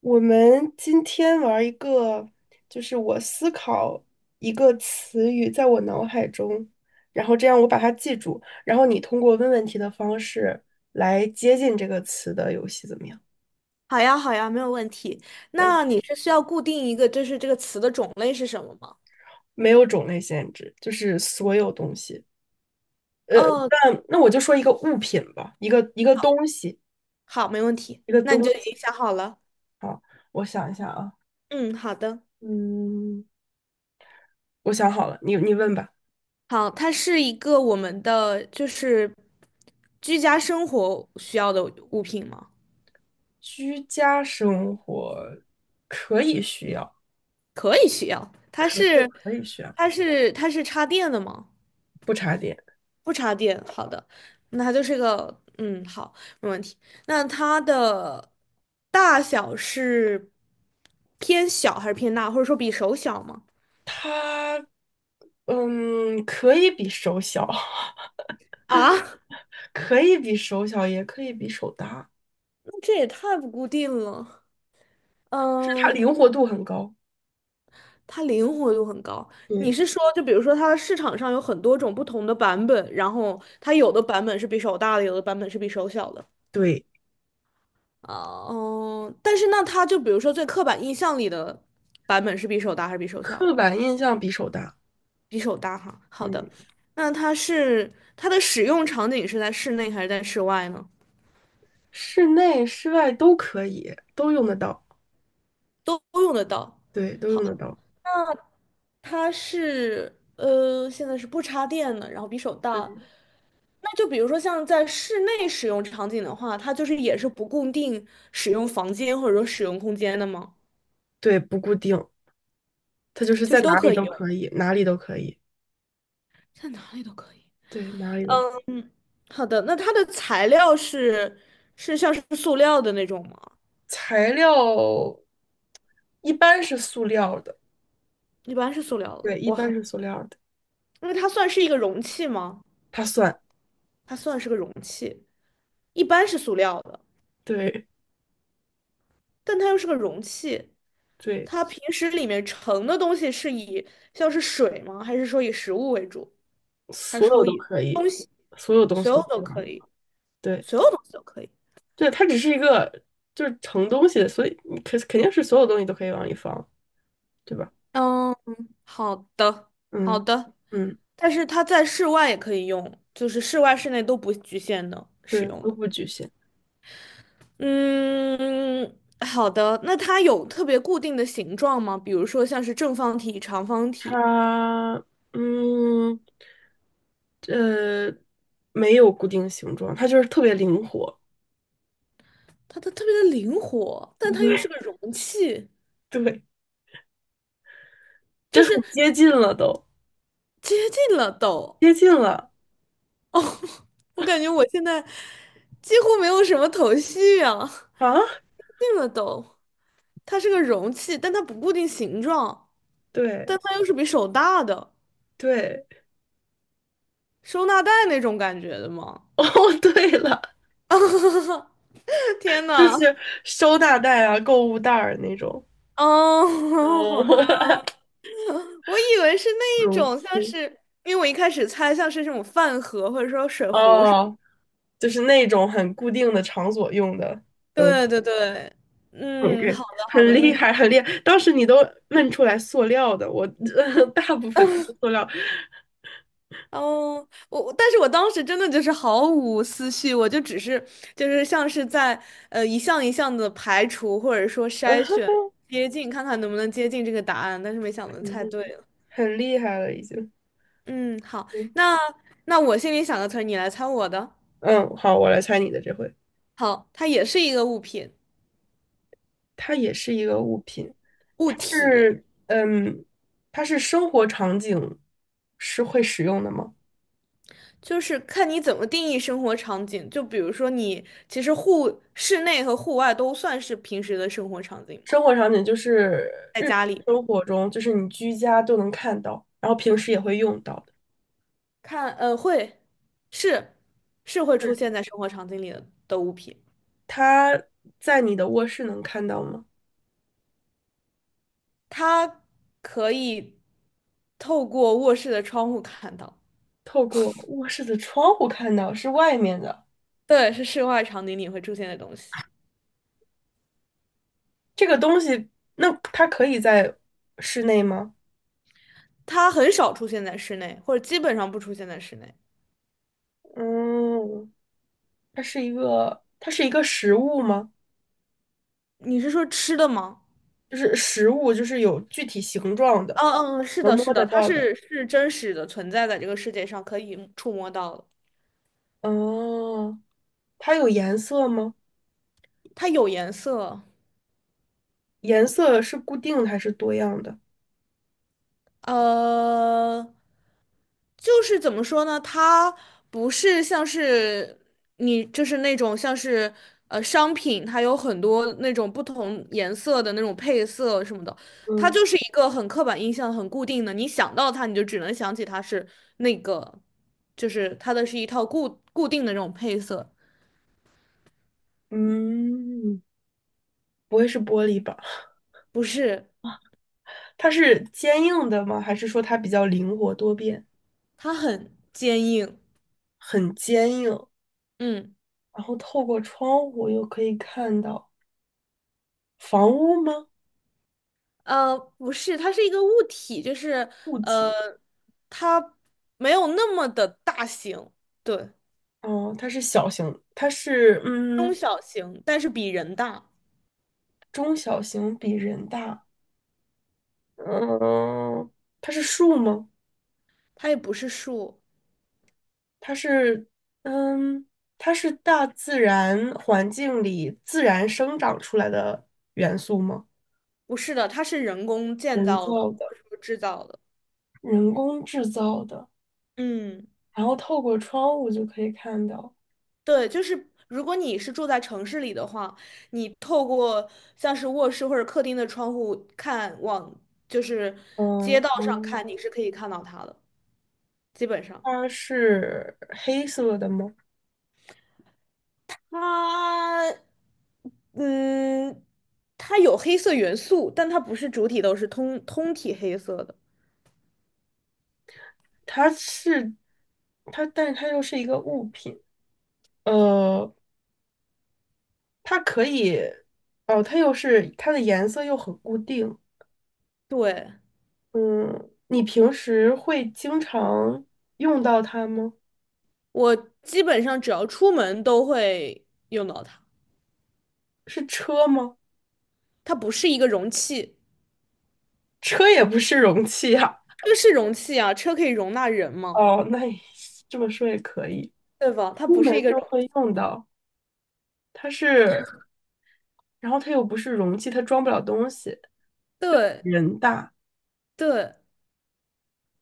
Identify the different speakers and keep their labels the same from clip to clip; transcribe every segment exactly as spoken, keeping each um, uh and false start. Speaker 1: 我们今天玩一个，就是我思考一个词语在我脑海中，然后这样我把它记住，然后你通过问问题的方式来接近这个词的游戏，怎么样
Speaker 2: 好呀，好呀，没有问题。那你
Speaker 1: ？OK,
Speaker 2: 是需要固定一个，就是这个词的种类是什么吗？
Speaker 1: 没有种类限制，就是所有东西。呃，
Speaker 2: 哦，
Speaker 1: 那那我就说一个物品吧，一个一个东西，
Speaker 2: 好，没问题。
Speaker 1: 一个
Speaker 2: 那
Speaker 1: 东
Speaker 2: 你就已
Speaker 1: 西。
Speaker 2: 经想好了。
Speaker 1: 啊，我想一下啊，
Speaker 2: 嗯，好的。
Speaker 1: 嗯，我想好了，你你问吧。
Speaker 2: 好，它是一个我们的就是居家生活需要的物品吗？
Speaker 1: 居家生活可以需要。
Speaker 2: 可以需要。它
Speaker 1: 可以
Speaker 2: 是，
Speaker 1: 可以学
Speaker 2: 它是，它是插电的吗？
Speaker 1: 不插电。
Speaker 2: 不插电，好的，那它就是个，嗯，好，没问题。那它的大小是偏小还是偏大，或者说比手小吗？
Speaker 1: 它嗯，可以比手小，
Speaker 2: 啊，
Speaker 1: 可以比手小，也可以比手大，
Speaker 2: 那这也太不固定了。
Speaker 1: 就它
Speaker 2: 嗯，
Speaker 1: 灵活度很高。
Speaker 2: 它灵活度很高。你
Speaker 1: 对
Speaker 2: 是说，就比如说，它市场上有很多种不同的版本，然后它有的版本是比手大的，有的版本是比手小的。
Speaker 1: 对，
Speaker 2: 啊，嗯，但是那它就比如说最刻板印象里的版本是比手大还是比手小
Speaker 1: 刻
Speaker 2: 的？
Speaker 1: 板印象比手大。
Speaker 2: 比手大哈。好
Speaker 1: 嗯，
Speaker 2: 的，那它是它的使用场景是在室内还是在室外呢？
Speaker 1: 室内室外都可以，都用得到。
Speaker 2: 都都用得到。
Speaker 1: 对，都用得
Speaker 2: 好，
Speaker 1: 到。
Speaker 2: 它是呃，现在是不插电的，然后比手
Speaker 1: 对
Speaker 2: 大。那就比如说像在室内使用场景的话，它就是也是不固定使用房间或者说使用空间的吗？
Speaker 1: 对，不固定，它就是
Speaker 2: 就
Speaker 1: 在
Speaker 2: 是都
Speaker 1: 哪里
Speaker 2: 可以
Speaker 1: 都
Speaker 2: 用，
Speaker 1: 可以，哪里都可以。
Speaker 2: 在哪里都可以。
Speaker 1: 对，哪里都可以
Speaker 2: 嗯，好的，那它的材料是是像是塑料的那种吗？
Speaker 1: 材料一般是塑料的，
Speaker 2: 一般是塑料的。
Speaker 1: 对，一
Speaker 2: 哇，
Speaker 1: 般是塑料的，
Speaker 2: 因为它算是一个容器吗？
Speaker 1: 它算。
Speaker 2: 它算是个容器，一般是塑料的，
Speaker 1: 对
Speaker 2: 但它又是个容器。
Speaker 1: 对。
Speaker 2: 它平时里面盛的东西是以像是水吗？还是说以食物为主？还
Speaker 1: 所
Speaker 2: 是
Speaker 1: 有
Speaker 2: 说
Speaker 1: 都
Speaker 2: 以
Speaker 1: 可以，
Speaker 2: 东西，
Speaker 1: 所有东
Speaker 2: 所
Speaker 1: 西都
Speaker 2: 有
Speaker 1: 可
Speaker 2: 都
Speaker 1: 以
Speaker 2: 可
Speaker 1: 玩。
Speaker 2: 以，
Speaker 1: 对，
Speaker 2: 所有东西都可以。
Speaker 1: 对，它只是一个就是盛东西的，所以你肯肯定是所有东西都可以往里放，对吧？
Speaker 2: 嗯，好的，好
Speaker 1: 嗯
Speaker 2: 的。
Speaker 1: 嗯，
Speaker 2: 但是它在室外也可以用，就是室外、室内都不局限的
Speaker 1: 对，
Speaker 2: 使用
Speaker 1: 都
Speaker 2: 的。
Speaker 1: 不局限。
Speaker 2: 嗯，好的。那它有特别固定的形状吗？比如说像是正方体、长方体，
Speaker 1: 它嗯呃没有固定形状，它就是特别灵活。
Speaker 2: 它它特别的灵活，但它又是个 容器，
Speaker 1: 对对，
Speaker 2: 就
Speaker 1: 这很
Speaker 2: 是
Speaker 1: 接近了都，
Speaker 2: 接近了都。
Speaker 1: 接近了
Speaker 2: 我感觉我现在几乎没有什么头绪啊，
Speaker 1: 啊！
Speaker 2: 接近了都。它是个容器，但它不固定形状，
Speaker 1: 对
Speaker 2: 但它又是比手大的，
Speaker 1: 对，
Speaker 2: 收纳袋那种感觉的嘛。
Speaker 1: 哦，对了，
Speaker 2: 天
Speaker 1: 就
Speaker 2: 呐，
Speaker 1: 是收纳袋啊、购物袋儿那种。
Speaker 2: 哦，
Speaker 1: 哦，
Speaker 2: 好的，我以为是那一
Speaker 1: 容
Speaker 2: 种，
Speaker 1: 器。
Speaker 2: 像是因为我一开始猜像是这种饭盒或者说水壶是，
Speaker 1: 哦，就是那种很固定的场所用的都
Speaker 2: 对对对，嗯，
Speaker 1: OK,
Speaker 2: 好的好的，
Speaker 1: 很厉
Speaker 2: 嗯，
Speaker 1: 害，很厉害。当时你都问出来塑料的，我 大部分都是塑料，
Speaker 2: 哦，我我但是我当时真的就是毫无思绪，我就只是就是像是在呃一项一项的排除或者说筛选 接近，看看能不能接近这个答案，但是没想到
Speaker 1: 很
Speaker 2: 猜
Speaker 1: 厉
Speaker 2: 对
Speaker 1: 害，
Speaker 2: 了。
Speaker 1: 很厉害了已经。
Speaker 2: 嗯，好，
Speaker 1: 嗯，
Speaker 2: 那那我心里想个词儿，你来猜我的。
Speaker 1: 嗯好，我来猜你的这回，
Speaker 2: 好，它也是一个物品
Speaker 1: 它也是一个物品，
Speaker 2: 物
Speaker 1: 它
Speaker 2: 体，
Speaker 1: 是嗯，它是生活场景是会使用的吗？
Speaker 2: 就是看你怎么定义生活场景。就比如说你其实户室内和户外都算是平时的生活场景吗？
Speaker 1: 生活场景就是
Speaker 2: 在
Speaker 1: 日
Speaker 2: 家
Speaker 1: 常
Speaker 2: 里。
Speaker 1: 生活中，就是你居家都能看到，然后平时也会用到的。
Speaker 2: 看，呃，会，是是会出现
Speaker 1: 嗯，
Speaker 2: 在生活场景里的的物品，
Speaker 1: 它在你的卧室能看到吗？
Speaker 2: 它可以透过卧室的窗户看到。
Speaker 1: 透过卧室的窗户看到，是外面的。
Speaker 2: 对，是室外场景里会出现的东西，
Speaker 1: 这个东西，那它可以在室内吗？
Speaker 2: 它很少出现在室内，或者基本上不出现在室内。
Speaker 1: 嗯，它是一个，它是一个实物吗？
Speaker 2: 你是说吃的吗？
Speaker 1: 就是实物，就是有具体形状的，
Speaker 2: 嗯嗯，嗯是
Speaker 1: 能
Speaker 2: 的，是
Speaker 1: 摸得
Speaker 2: 的，它
Speaker 1: 到
Speaker 2: 是
Speaker 1: 的。
Speaker 2: 是真实的存在在这个世界上，可以触摸到的。
Speaker 1: 哦，它有颜色吗？
Speaker 2: 它有颜色，
Speaker 1: 颜色是固定的还是多样的？
Speaker 2: 呃，就是怎么说呢？它不是像是你，就是那种像是呃商品，它有很多那种不同颜色的那种配色什么的，它
Speaker 1: 嗯。
Speaker 2: 就是一个很刻板印象、很固定的。你想到它，你就只能想起它是那个，就是它的是一套固固定的那种配色，
Speaker 1: 嗯，不会是玻璃吧？
Speaker 2: 不是，
Speaker 1: 它是坚硬的吗？还是说它比较灵活多变，
Speaker 2: 它很坚硬。
Speaker 1: 很坚硬？
Speaker 2: 嗯。
Speaker 1: 然后透过窗户又可以看到房屋吗？
Speaker 2: 呃，不是，它是一个物体，就是
Speaker 1: 物
Speaker 2: 呃，
Speaker 1: 体？
Speaker 2: 它没有那么的大型，对，
Speaker 1: 哦，它是小型，它是嗯
Speaker 2: 中小型，但是比人大。
Speaker 1: 中小型，比人大。嗯，它是树吗？
Speaker 2: 它也不是树，
Speaker 1: 它是嗯，它是大自然环境里自然生长出来的元素吗？
Speaker 2: 不是的，它是人工建
Speaker 1: 人
Speaker 2: 造的
Speaker 1: 造的，
Speaker 2: 或者说制造的。
Speaker 1: 人工制造的。
Speaker 2: 嗯，
Speaker 1: 然后透过窗户就可以看到，
Speaker 2: 对，就是如果你是住在城市里的话，你透过像是卧室或者客厅的窗户看往，就是
Speaker 1: 嗯，
Speaker 2: 街道上看，
Speaker 1: 哦，
Speaker 2: 你是可以看到它的，基本上。
Speaker 1: 它是黑色的吗？
Speaker 2: 它，嗯，它有黑色元素，但它不是主体都是通通体黑色的。
Speaker 1: 它是，它，但是它又是一个物品，呃，它可以，哦，它又是它的颜色又很固定，
Speaker 2: 对，
Speaker 1: 嗯，你平时会经常用到它吗？
Speaker 2: 我基本上只要出门都会用到它。
Speaker 1: 是车吗？
Speaker 2: 它不是一个容器，
Speaker 1: 车也不是容器啊，
Speaker 2: 车是容器啊，车可以容纳人嘛，
Speaker 1: 哦，那也这么说也可以，
Speaker 2: 对吧？它
Speaker 1: 出
Speaker 2: 不是一
Speaker 1: 门
Speaker 2: 个
Speaker 1: 就
Speaker 2: 容，
Speaker 1: 会用到，它是。然后它又不是容器，它装不了东西。
Speaker 2: 对
Speaker 1: 人大，
Speaker 2: 对，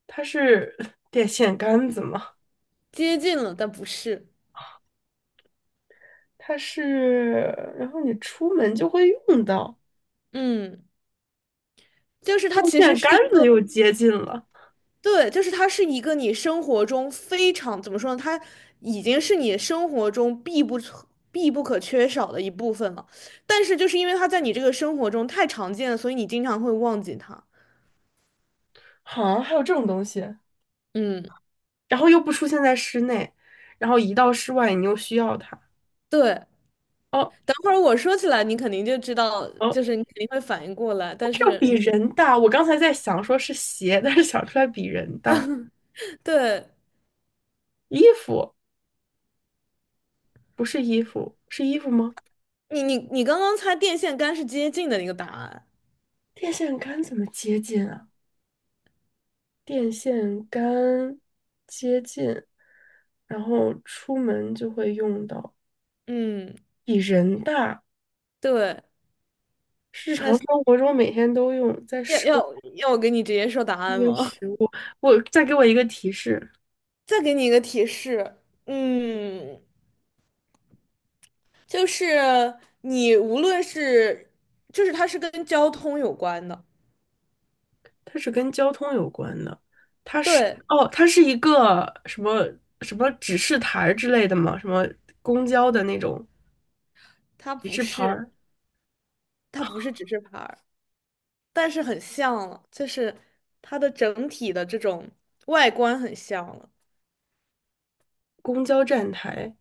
Speaker 1: 它是电线杆子嘛，
Speaker 2: 接近了，但不是。
Speaker 1: 它是，然后你出门就会用到。
Speaker 2: 嗯，就是它其
Speaker 1: 电
Speaker 2: 实
Speaker 1: 线杆
Speaker 2: 是一
Speaker 1: 子又
Speaker 2: 个
Speaker 1: 接近了，
Speaker 2: 对，就是它是一个你生活中非常，怎么说呢？它已经是你生活中必不可必不可缺少的一部分了。但是就是因为它在你这个生活中太常见了，所以你经常会忘记它。
Speaker 1: 好，还有这种东西，
Speaker 2: 嗯，
Speaker 1: 然后又不出现在室内，然后一到室外你又需要它。
Speaker 2: 对。
Speaker 1: 哦
Speaker 2: 等会儿我说起来，你肯定就知道，
Speaker 1: 哦，
Speaker 2: 就是你肯定会反应过来。但
Speaker 1: 这又
Speaker 2: 是，
Speaker 1: 比人大。我刚才在想说是鞋，但是想出来比人大。
Speaker 2: 对
Speaker 1: 衣服不是衣服，是衣服吗？
Speaker 2: 你，你你刚刚猜电线杆是接近的那个答案。
Speaker 1: 电线杆怎么接近啊？电线杆接近，然后出门就会用到，
Speaker 2: 嗯，
Speaker 1: 比人大，
Speaker 2: 对。
Speaker 1: 日常
Speaker 2: 那
Speaker 1: 生活中每天都用，在
Speaker 2: 要
Speaker 1: 生
Speaker 2: 要要我给你直接说答案
Speaker 1: 活
Speaker 2: 吗？
Speaker 1: 食物。我再给我一个提示，
Speaker 2: 再给你一个提示。嗯。就是你无论是，就是它是跟交通有关的，
Speaker 1: 它是跟交通有关的，它是
Speaker 2: 对，
Speaker 1: 哦，它是一个什么什么指示牌儿之类的吗？什么公交的那种
Speaker 2: 它
Speaker 1: 指
Speaker 2: 不
Speaker 1: 示牌
Speaker 2: 是，
Speaker 1: 儿，
Speaker 2: 它不是指示牌儿，但是很像了，就是它的整体的这种外观很像了。
Speaker 1: 公交站台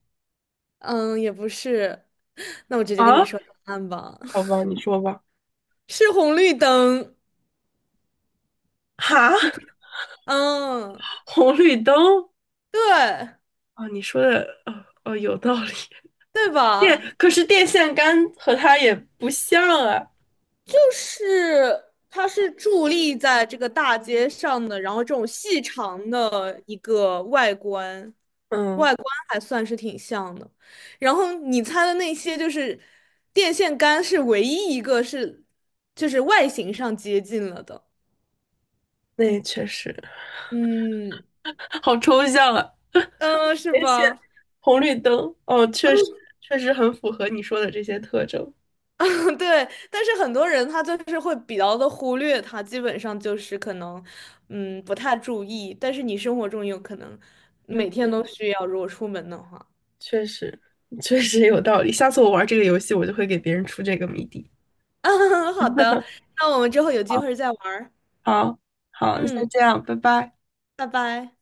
Speaker 2: 嗯，也不是，那我直接跟你
Speaker 1: 啊？
Speaker 2: 说答案吧，
Speaker 1: 好吧，你说吧。
Speaker 2: 是红绿灯。
Speaker 1: 哈，
Speaker 2: 嗯，
Speaker 1: 红绿灯
Speaker 2: 对，
Speaker 1: 啊？你说的哦哦有道理。
Speaker 2: 对吧？
Speaker 1: 电，可是电线杆和它也不像啊。
Speaker 2: 就是它是伫立在这个大街上的，然后这种细长的一个外观，
Speaker 1: 嗯，
Speaker 2: 外观还算是挺像的。然后你猜的那些就是电线杆是唯一一个是就是外形上接近了的，
Speaker 1: 那也确实
Speaker 2: 嗯
Speaker 1: 好抽象啊。
Speaker 2: 嗯，呃是
Speaker 1: 电线，
Speaker 2: 吧？
Speaker 1: 红绿灯，哦，确实确实很符合你说的这些特征。
Speaker 2: 对，但是很多人他就是会比较的忽略它，基本上就是可能，嗯，不太注意。但是你生活中有可能
Speaker 1: 那
Speaker 2: 每天
Speaker 1: 确
Speaker 2: 都需要，如果出门的话。
Speaker 1: 确实确实有道理。下次我玩这个游戏，我就会给别人出这个谜底。
Speaker 2: 好的，那我们之后有机会再玩儿。
Speaker 1: 好，好，那
Speaker 2: 嗯，
Speaker 1: 先这样，拜拜。
Speaker 2: 拜拜。